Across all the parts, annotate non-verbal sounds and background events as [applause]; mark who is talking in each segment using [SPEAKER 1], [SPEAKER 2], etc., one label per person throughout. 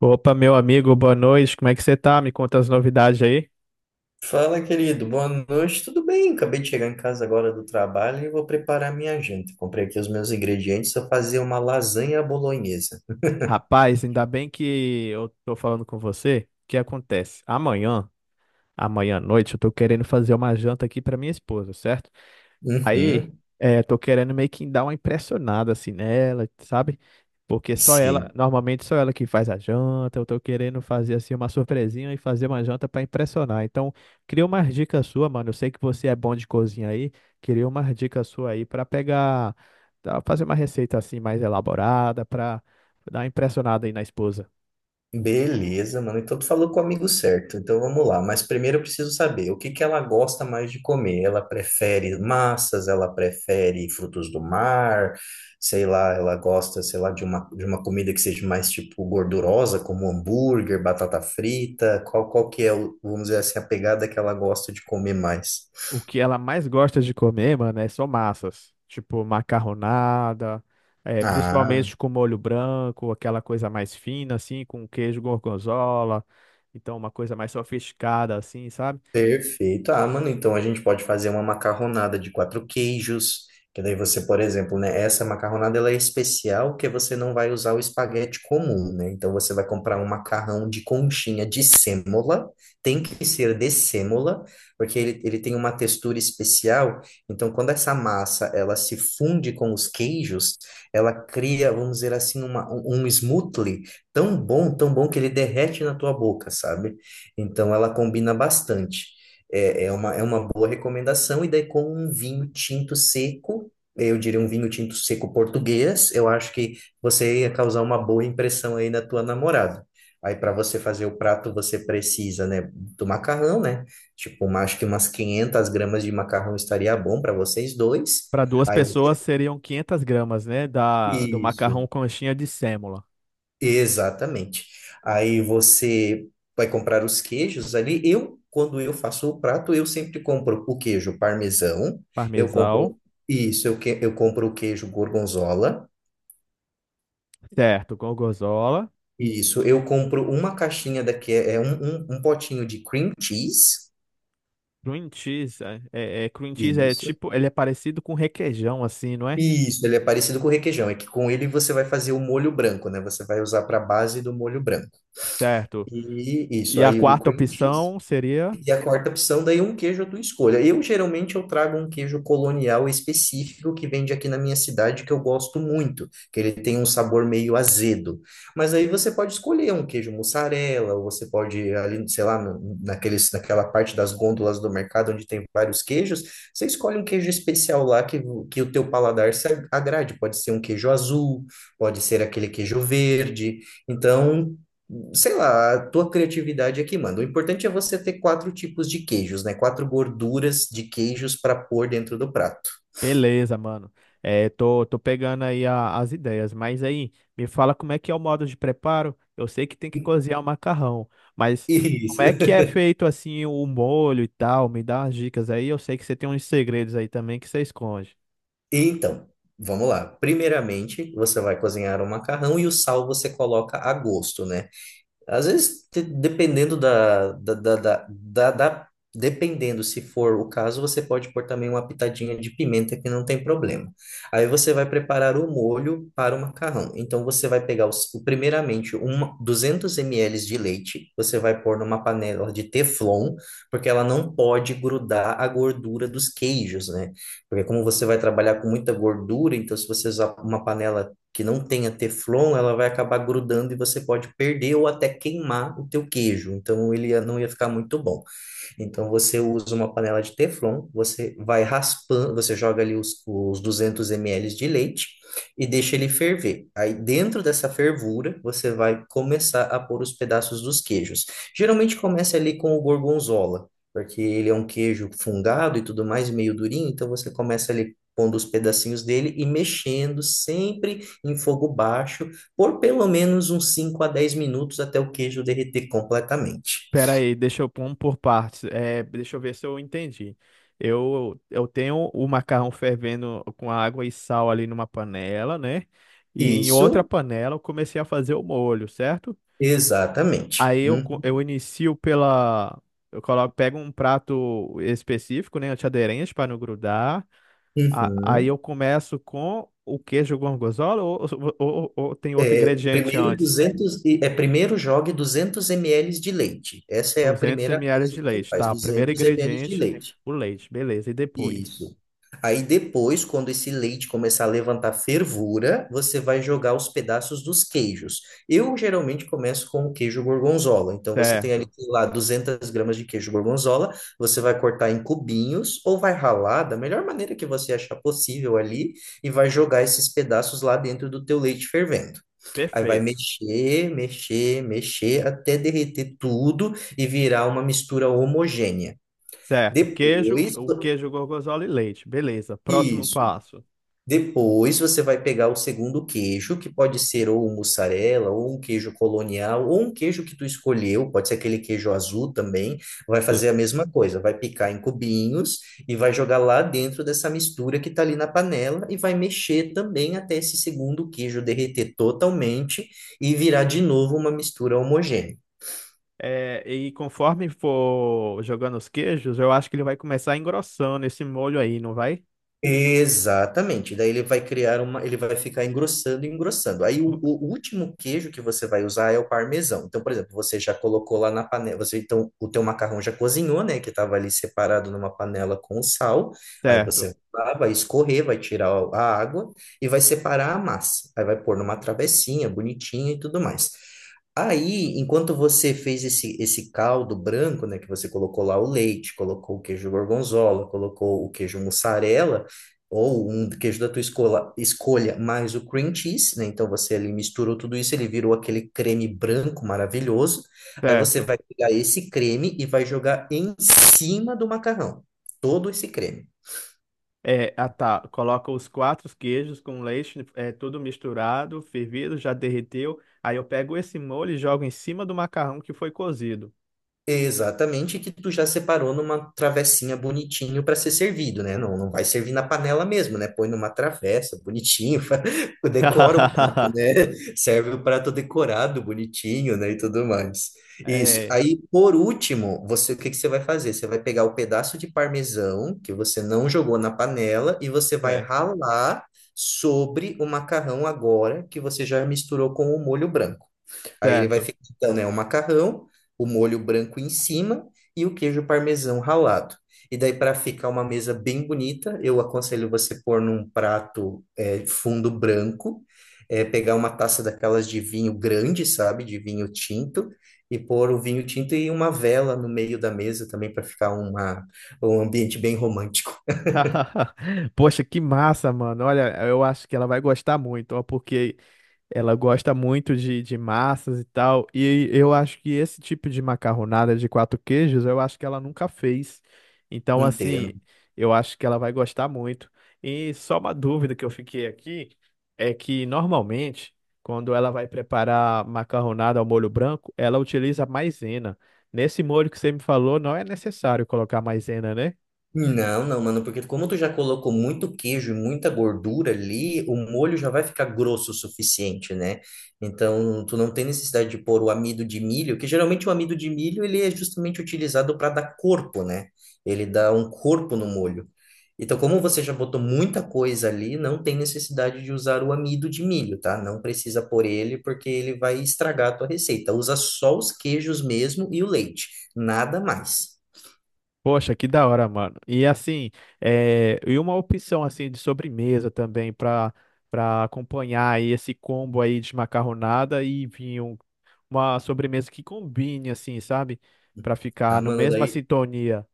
[SPEAKER 1] Opa, meu amigo, boa noite. Como é que você tá? Me conta as novidades aí.
[SPEAKER 2] Fala, querido. Boa noite. Tudo bem? Acabei de chegar em casa agora do trabalho e vou preparar minha janta. Comprei aqui os meus ingredientes. Vou fazer uma lasanha bolonhesa.
[SPEAKER 1] Rapaz, ainda bem que eu tô falando com você. O que acontece? Amanhã à noite, eu tô querendo fazer uma janta aqui pra minha esposa, certo? Aí,
[SPEAKER 2] Uhum.
[SPEAKER 1] tô querendo meio que dar uma impressionada assim nela, sabe? Porque só ela,
[SPEAKER 2] Sim.
[SPEAKER 1] normalmente só ela que faz a janta. Eu tô querendo fazer assim uma surpresinha e fazer uma janta pra impressionar. Então, queria umas dicas sua, mano. Eu sei que você é bom de cozinha aí. Queria umas dicas sua aí pra pegar, tá, fazer uma receita assim mais elaborada pra dar uma impressionada aí na esposa.
[SPEAKER 2] Beleza, mano. Então tu falou com o amigo certo. Então vamos lá. Mas primeiro eu preciso saber o que que ela gosta mais de comer. Ela prefere massas, ela prefere frutos do mar, sei lá, ela gosta, sei lá, de uma comida que seja mais tipo gordurosa, como hambúrguer, batata frita. Qual que é, vamos dizer assim, a pegada que ela gosta de comer mais?
[SPEAKER 1] O que ela mais gosta de comer, mano, é só massas. Tipo, macarronada,
[SPEAKER 2] Ah.
[SPEAKER 1] principalmente com molho branco, aquela coisa mais fina, assim, com queijo gorgonzola. Então, uma coisa mais sofisticada, assim, sabe?
[SPEAKER 2] Perfeito. Ah, mano, então a gente pode fazer uma macarronada de quatro queijos, que daí você, por exemplo, né, essa macarronada ela é especial que você não vai usar o espaguete comum, né? Então você vai comprar um macarrão de conchinha de sêmola, tem que ser de sêmola, porque ele tem uma textura especial. Então quando essa massa ela se funde com os queijos, ela cria, vamos dizer assim, uma, um um smoothie tão bom que ele derrete na tua boca, sabe? Então ela combina bastante. É uma boa recomendação, e daí com um vinho tinto seco, eu diria um vinho tinto seco português, eu acho que você ia causar uma boa impressão aí na tua namorada. Aí para você fazer o prato, você precisa, né, do macarrão, né? Tipo, acho que umas 500 gramas de macarrão estaria bom para vocês dois.
[SPEAKER 1] Para duas
[SPEAKER 2] Aí
[SPEAKER 1] pessoas
[SPEAKER 2] você...
[SPEAKER 1] seriam 500 g, né? Do macarrão
[SPEAKER 2] Isso.
[SPEAKER 1] conchinha de sêmola.
[SPEAKER 2] Exatamente. Aí você vai comprar os queijos ali. Eu, quando eu faço o prato, eu sempre compro o queijo parmesão, eu
[SPEAKER 1] Parmesão,
[SPEAKER 2] compro isso, eu compro o queijo gorgonzola,
[SPEAKER 1] certo, gorgonzola.
[SPEAKER 2] isso, eu compro uma caixinha daqui, é um potinho de cream cheese,
[SPEAKER 1] Cream cheese, cream cheese é
[SPEAKER 2] isso.
[SPEAKER 1] tipo, ele é parecido com requeijão, assim, não é?
[SPEAKER 2] Isso, ele é parecido com o requeijão, é que com ele você vai fazer o molho branco, né? Você vai usar para base do molho branco.
[SPEAKER 1] Certo.
[SPEAKER 2] E isso,
[SPEAKER 1] E a
[SPEAKER 2] aí o
[SPEAKER 1] quarta
[SPEAKER 2] cream cheese.
[SPEAKER 1] opção seria.
[SPEAKER 2] E a quarta opção, daí um queijo à tua escolha. Eu geralmente eu trago um queijo colonial específico que vende aqui na minha cidade que eu gosto muito, que ele tem um sabor meio azedo. Mas aí você pode escolher um queijo mussarela, ou você pode ali, sei lá, naquela parte das gôndolas do mercado onde tem vários queijos, você escolhe um queijo especial lá que o teu paladar se agrade. Pode ser um queijo azul, pode ser aquele queijo verde. Então, sei lá, a tua criatividade é que manda. O importante é você ter quatro tipos de queijos, né? Quatro gorduras de queijos para pôr dentro do prato.
[SPEAKER 1] Beleza, mano. É, tô pegando aí as ideias, mas aí me fala como é que é o modo de preparo. Eu sei que tem que cozinhar o macarrão, mas
[SPEAKER 2] [laughs]
[SPEAKER 1] como
[SPEAKER 2] Isso.
[SPEAKER 1] é que é feito assim o molho e tal? Me dá umas dicas aí. Eu sei que você tem uns segredos aí também que você esconde.
[SPEAKER 2] Então, vamos lá. Primeiramente, você vai cozinhar o macarrão e o sal você coloca a gosto, né? Às vezes, te- dependendo da, da, da, da, da- da- dependendo se for o caso, você pode pôr também uma pitadinha de pimenta que não tem problema. Aí você vai preparar o molho para o macarrão. Então você vai pegar primeiramente 200 ml de leite, você vai pôr numa panela de teflon, porque ela não pode grudar a gordura dos queijos, né? Porque como você vai trabalhar com muita gordura, então se você usar uma panela que não tenha teflon, ela vai acabar grudando e você pode perder ou até queimar o teu queijo. Então não ia ficar muito bom. Então você usa uma panela de teflon, você vai raspando, você joga ali os 200 ml de leite e deixa ele ferver. Aí dentro dessa fervura, você vai começar a pôr os pedaços dos queijos. Geralmente começa ali com o gorgonzola, porque ele é um queijo fungado e tudo mais, meio durinho, então você começa ali pondo os pedacinhos dele e mexendo sempre em fogo baixo por pelo menos uns 5 a 10 minutos até o queijo derreter completamente.
[SPEAKER 1] Pera aí, deixa eu pôr um por partes. É, deixa eu ver se eu entendi. Eu tenho o macarrão fervendo com água e sal ali numa panela, né? E em outra
[SPEAKER 2] Isso.
[SPEAKER 1] panela eu comecei a fazer o molho, certo?
[SPEAKER 2] Exatamente.
[SPEAKER 1] Eu
[SPEAKER 2] Uhum.
[SPEAKER 1] inicio pela. Eu coloco, pego um prato específico, né, antiaderente para não grudar. Aí
[SPEAKER 2] Uhum.
[SPEAKER 1] eu começo com o queijo gorgonzola ou, ou tem outro ingrediente antes?
[SPEAKER 2] Primeiro jogue 200 ml de leite. Essa é a
[SPEAKER 1] duzentos
[SPEAKER 2] primeira
[SPEAKER 1] mililitros
[SPEAKER 2] coisa
[SPEAKER 1] de
[SPEAKER 2] que você
[SPEAKER 1] leite,
[SPEAKER 2] faz,
[SPEAKER 1] tá? Primeiro
[SPEAKER 2] 200 ml de
[SPEAKER 1] ingrediente,
[SPEAKER 2] leite.
[SPEAKER 1] o leite, beleza. E depois?
[SPEAKER 2] Isso. Aí depois, quando esse leite começar a levantar fervura, você vai jogar os pedaços dos queijos. Eu geralmente começo com o queijo gorgonzola. Então você tem ali,
[SPEAKER 1] Certo,
[SPEAKER 2] sei lá, 200 gramas de queijo gorgonzola. Você vai cortar em cubinhos ou vai ralar da melhor maneira que você achar possível ali e vai jogar esses pedaços lá dentro do teu leite fervendo. Aí vai
[SPEAKER 1] perfeito.
[SPEAKER 2] mexer, mexer, mexer até derreter tudo e virar uma mistura homogênea.
[SPEAKER 1] Certo, queijo,
[SPEAKER 2] Depois,
[SPEAKER 1] o queijo gorgonzola e leite, beleza. Próximo
[SPEAKER 2] isso.
[SPEAKER 1] passo.
[SPEAKER 2] Depois você vai pegar o segundo queijo, que pode ser ou um mussarela, ou um queijo colonial, ou um queijo que tu escolheu, pode ser aquele queijo azul também. Vai fazer a mesma coisa, vai picar em cubinhos e vai jogar lá dentro dessa mistura que tá ali na panela e vai mexer também até esse segundo queijo derreter totalmente e virar de novo uma mistura homogênea.
[SPEAKER 1] É, e conforme for jogando os queijos, eu acho que ele vai começar engrossando esse molho aí, não vai?
[SPEAKER 2] Exatamente. Daí ele vai criar uma, ele vai ficar engrossando e engrossando. Aí o,
[SPEAKER 1] V-
[SPEAKER 2] o último queijo que você vai usar é o parmesão. Então, por exemplo, você já colocou lá na panela, você então o teu macarrão já cozinhou, né, que estava ali separado numa panela com sal. Aí
[SPEAKER 1] Certo,
[SPEAKER 2] você vai lá, vai escorrer, vai tirar a água e vai separar a massa. Aí vai pôr numa travessinha bonitinha e tudo mais. Aí, enquanto você fez esse caldo branco, né, que você colocou lá o leite, colocou o queijo gorgonzola, colocou o queijo mussarela, ou um queijo da tua escolha, mais o cream cheese, né? Então você ali misturou tudo isso, ele virou aquele creme branco maravilhoso. Aí você
[SPEAKER 1] certo.
[SPEAKER 2] vai pegar esse creme e vai jogar em cima do macarrão, todo esse creme.
[SPEAKER 1] É, ah tá, coloca os quatro queijos com leite, é, tudo misturado, fervido, já derreteu. Aí eu pego esse molho e jogo em cima do macarrão que foi cozido.
[SPEAKER 2] Exatamente, que tu já separou numa travessinha bonitinho para ser servido, né? Não, não vai servir na panela mesmo, né? Põe numa travessa bonitinho, [laughs] decora o prato,
[SPEAKER 1] [laughs]
[SPEAKER 2] né? Serve o prato decorado bonitinho, né? E tudo mais. Isso.
[SPEAKER 1] É,
[SPEAKER 2] Aí, por último, você, o que que você vai fazer? Você vai pegar o pedaço de parmesão que você não jogou na panela e você vai
[SPEAKER 1] certo,
[SPEAKER 2] ralar sobre o macarrão agora que você já misturou com o molho branco. Aí ele vai
[SPEAKER 1] certo.
[SPEAKER 2] ficar, então, né, o macarrão o molho branco em cima e o queijo parmesão ralado. E daí, para ficar uma mesa bem bonita, eu aconselho você pôr num prato é, fundo branco, é, pegar uma taça daquelas de vinho grande, sabe? De vinho tinto, e pôr o vinho tinto e uma vela no meio da mesa também para ficar uma, um ambiente bem romântico.
[SPEAKER 1] [laughs] Poxa, que massa, mano. Olha, eu acho que ela vai gostar muito, ó, porque ela gosta muito de massas e tal. E eu acho que esse tipo de macarronada de quatro queijos, eu acho que ela nunca fez.
[SPEAKER 2] [laughs]
[SPEAKER 1] Então, assim,
[SPEAKER 2] Entendo.
[SPEAKER 1] eu acho que ela vai gostar muito. E só uma dúvida que eu fiquei aqui é que normalmente, quando ela vai preparar macarronada ao molho branco, ela utiliza maisena. Nesse molho que você me falou, não é necessário colocar maisena, né?
[SPEAKER 2] Não, não, mano, porque como tu já colocou muito queijo e muita gordura ali, o molho já vai ficar grosso o suficiente, né? Então, tu não tem necessidade de pôr o amido de milho, que geralmente o amido de milho, ele é justamente utilizado para dar corpo, né? Ele dá um corpo no molho. Então, como você já botou muita coisa ali, não tem necessidade de usar o amido de milho, tá? Não precisa pôr ele, porque ele vai estragar a tua receita. Usa só os queijos mesmo e o leite, nada mais.
[SPEAKER 1] Poxa, que da hora, mano. E assim, é, e uma opção assim de sobremesa também para para acompanhar aí esse combo aí de macarronada e vinho, uma sobremesa que combine assim, sabe? Para
[SPEAKER 2] Ah,
[SPEAKER 1] ficar no
[SPEAKER 2] mano,
[SPEAKER 1] mesma
[SPEAKER 2] daí
[SPEAKER 1] sintonia.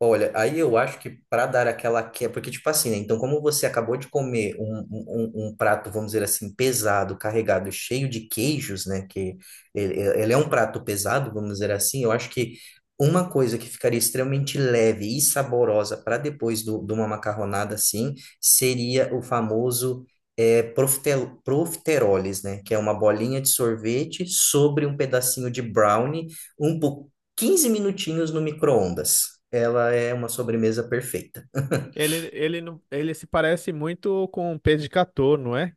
[SPEAKER 2] olha, aí eu acho que para dar aquela que porque tipo assim, né? Então, como você acabou de comer um prato, vamos dizer assim, pesado, carregado, cheio de queijos, né? Que ele, ele é um prato pesado, vamos dizer assim. Eu acho que uma coisa que ficaria extremamente leve e saborosa para depois de uma macarronada assim seria o famoso é, profite- profiteroles, né? Que é uma bolinha de sorvete sobre um pedacinho de brownie um. po- 15 minutinhos no micro-ondas. Ela é uma sobremesa perfeita.
[SPEAKER 1] Ele ele se parece muito com um peixe de gâteau, não é?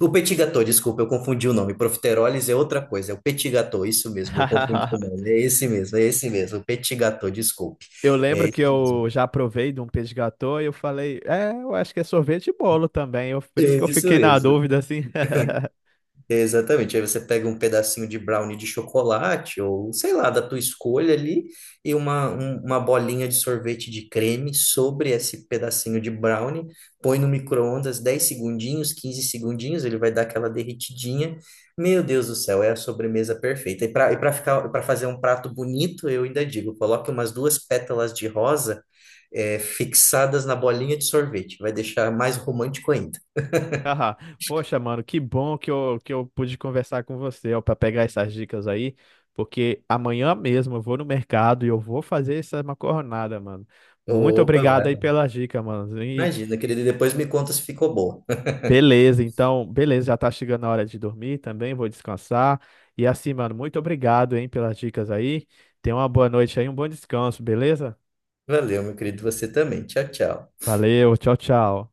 [SPEAKER 2] O petit gâteau, desculpa, eu confundi o nome. Profiteroles é outra coisa, é o petit gâteau, isso mesmo, eu confundi o
[SPEAKER 1] [laughs]
[SPEAKER 2] nome. É esse mesmo, o petit gâteau, desculpe.
[SPEAKER 1] Eu lembro
[SPEAKER 2] É
[SPEAKER 1] que
[SPEAKER 2] isso mesmo,
[SPEAKER 1] eu já provei de um peixe de gâteau e eu falei, é, eu acho que é sorvete e bolo também. Eu, por isso que eu
[SPEAKER 2] é isso
[SPEAKER 1] fiquei na
[SPEAKER 2] mesmo.
[SPEAKER 1] dúvida assim. [laughs]
[SPEAKER 2] Exatamente. Aí você pega um pedacinho de brownie de chocolate, ou sei lá, da tua escolha ali, e uma bolinha de sorvete de creme sobre esse pedacinho de brownie, põe no micro-ondas 10 segundinhos, 15 segundinhos, ele vai dar aquela derretidinha. Meu Deus do céu, é a sobremesa perfeita. E para fazer um prato bonito, eu ainda digo, coloque umas duas pétalas de rosa, eh, fixadas na bolinha de sorvete, vai deixar mais romântico ainda.
[SPEAKER 1] Haha. Poxa, mano, que bom que eu pude conversar com você, ó, para pegar essas dicas aí, porque amanhã mesmo eu vou no mercado e eu vou fazer essa macarronada, mano. Muito
[SPEAKER 2] Opa,
[SPEAKER 1] obrigado aí
[SPEAKER 2] vai.
[SPEAKER 1] pelas dicas, mano. E
[SPEAKER 2] Imagina, querido, e depois me conta se ficou bom. [laughs]
[SPEAKER 1] beleza, então, beleza, já tá chegando a hora de dormir também, vou descansar. E assim, mano, muito obrigado, hein, pelas dicas aí. Tenha uma boa noite aí, um bom descanso, beleza?
[SPEAKER 2] Valeu, meu querido, você também. Tchau, tchau.
[SPEAKER 1] Valeu, tchau, tchau.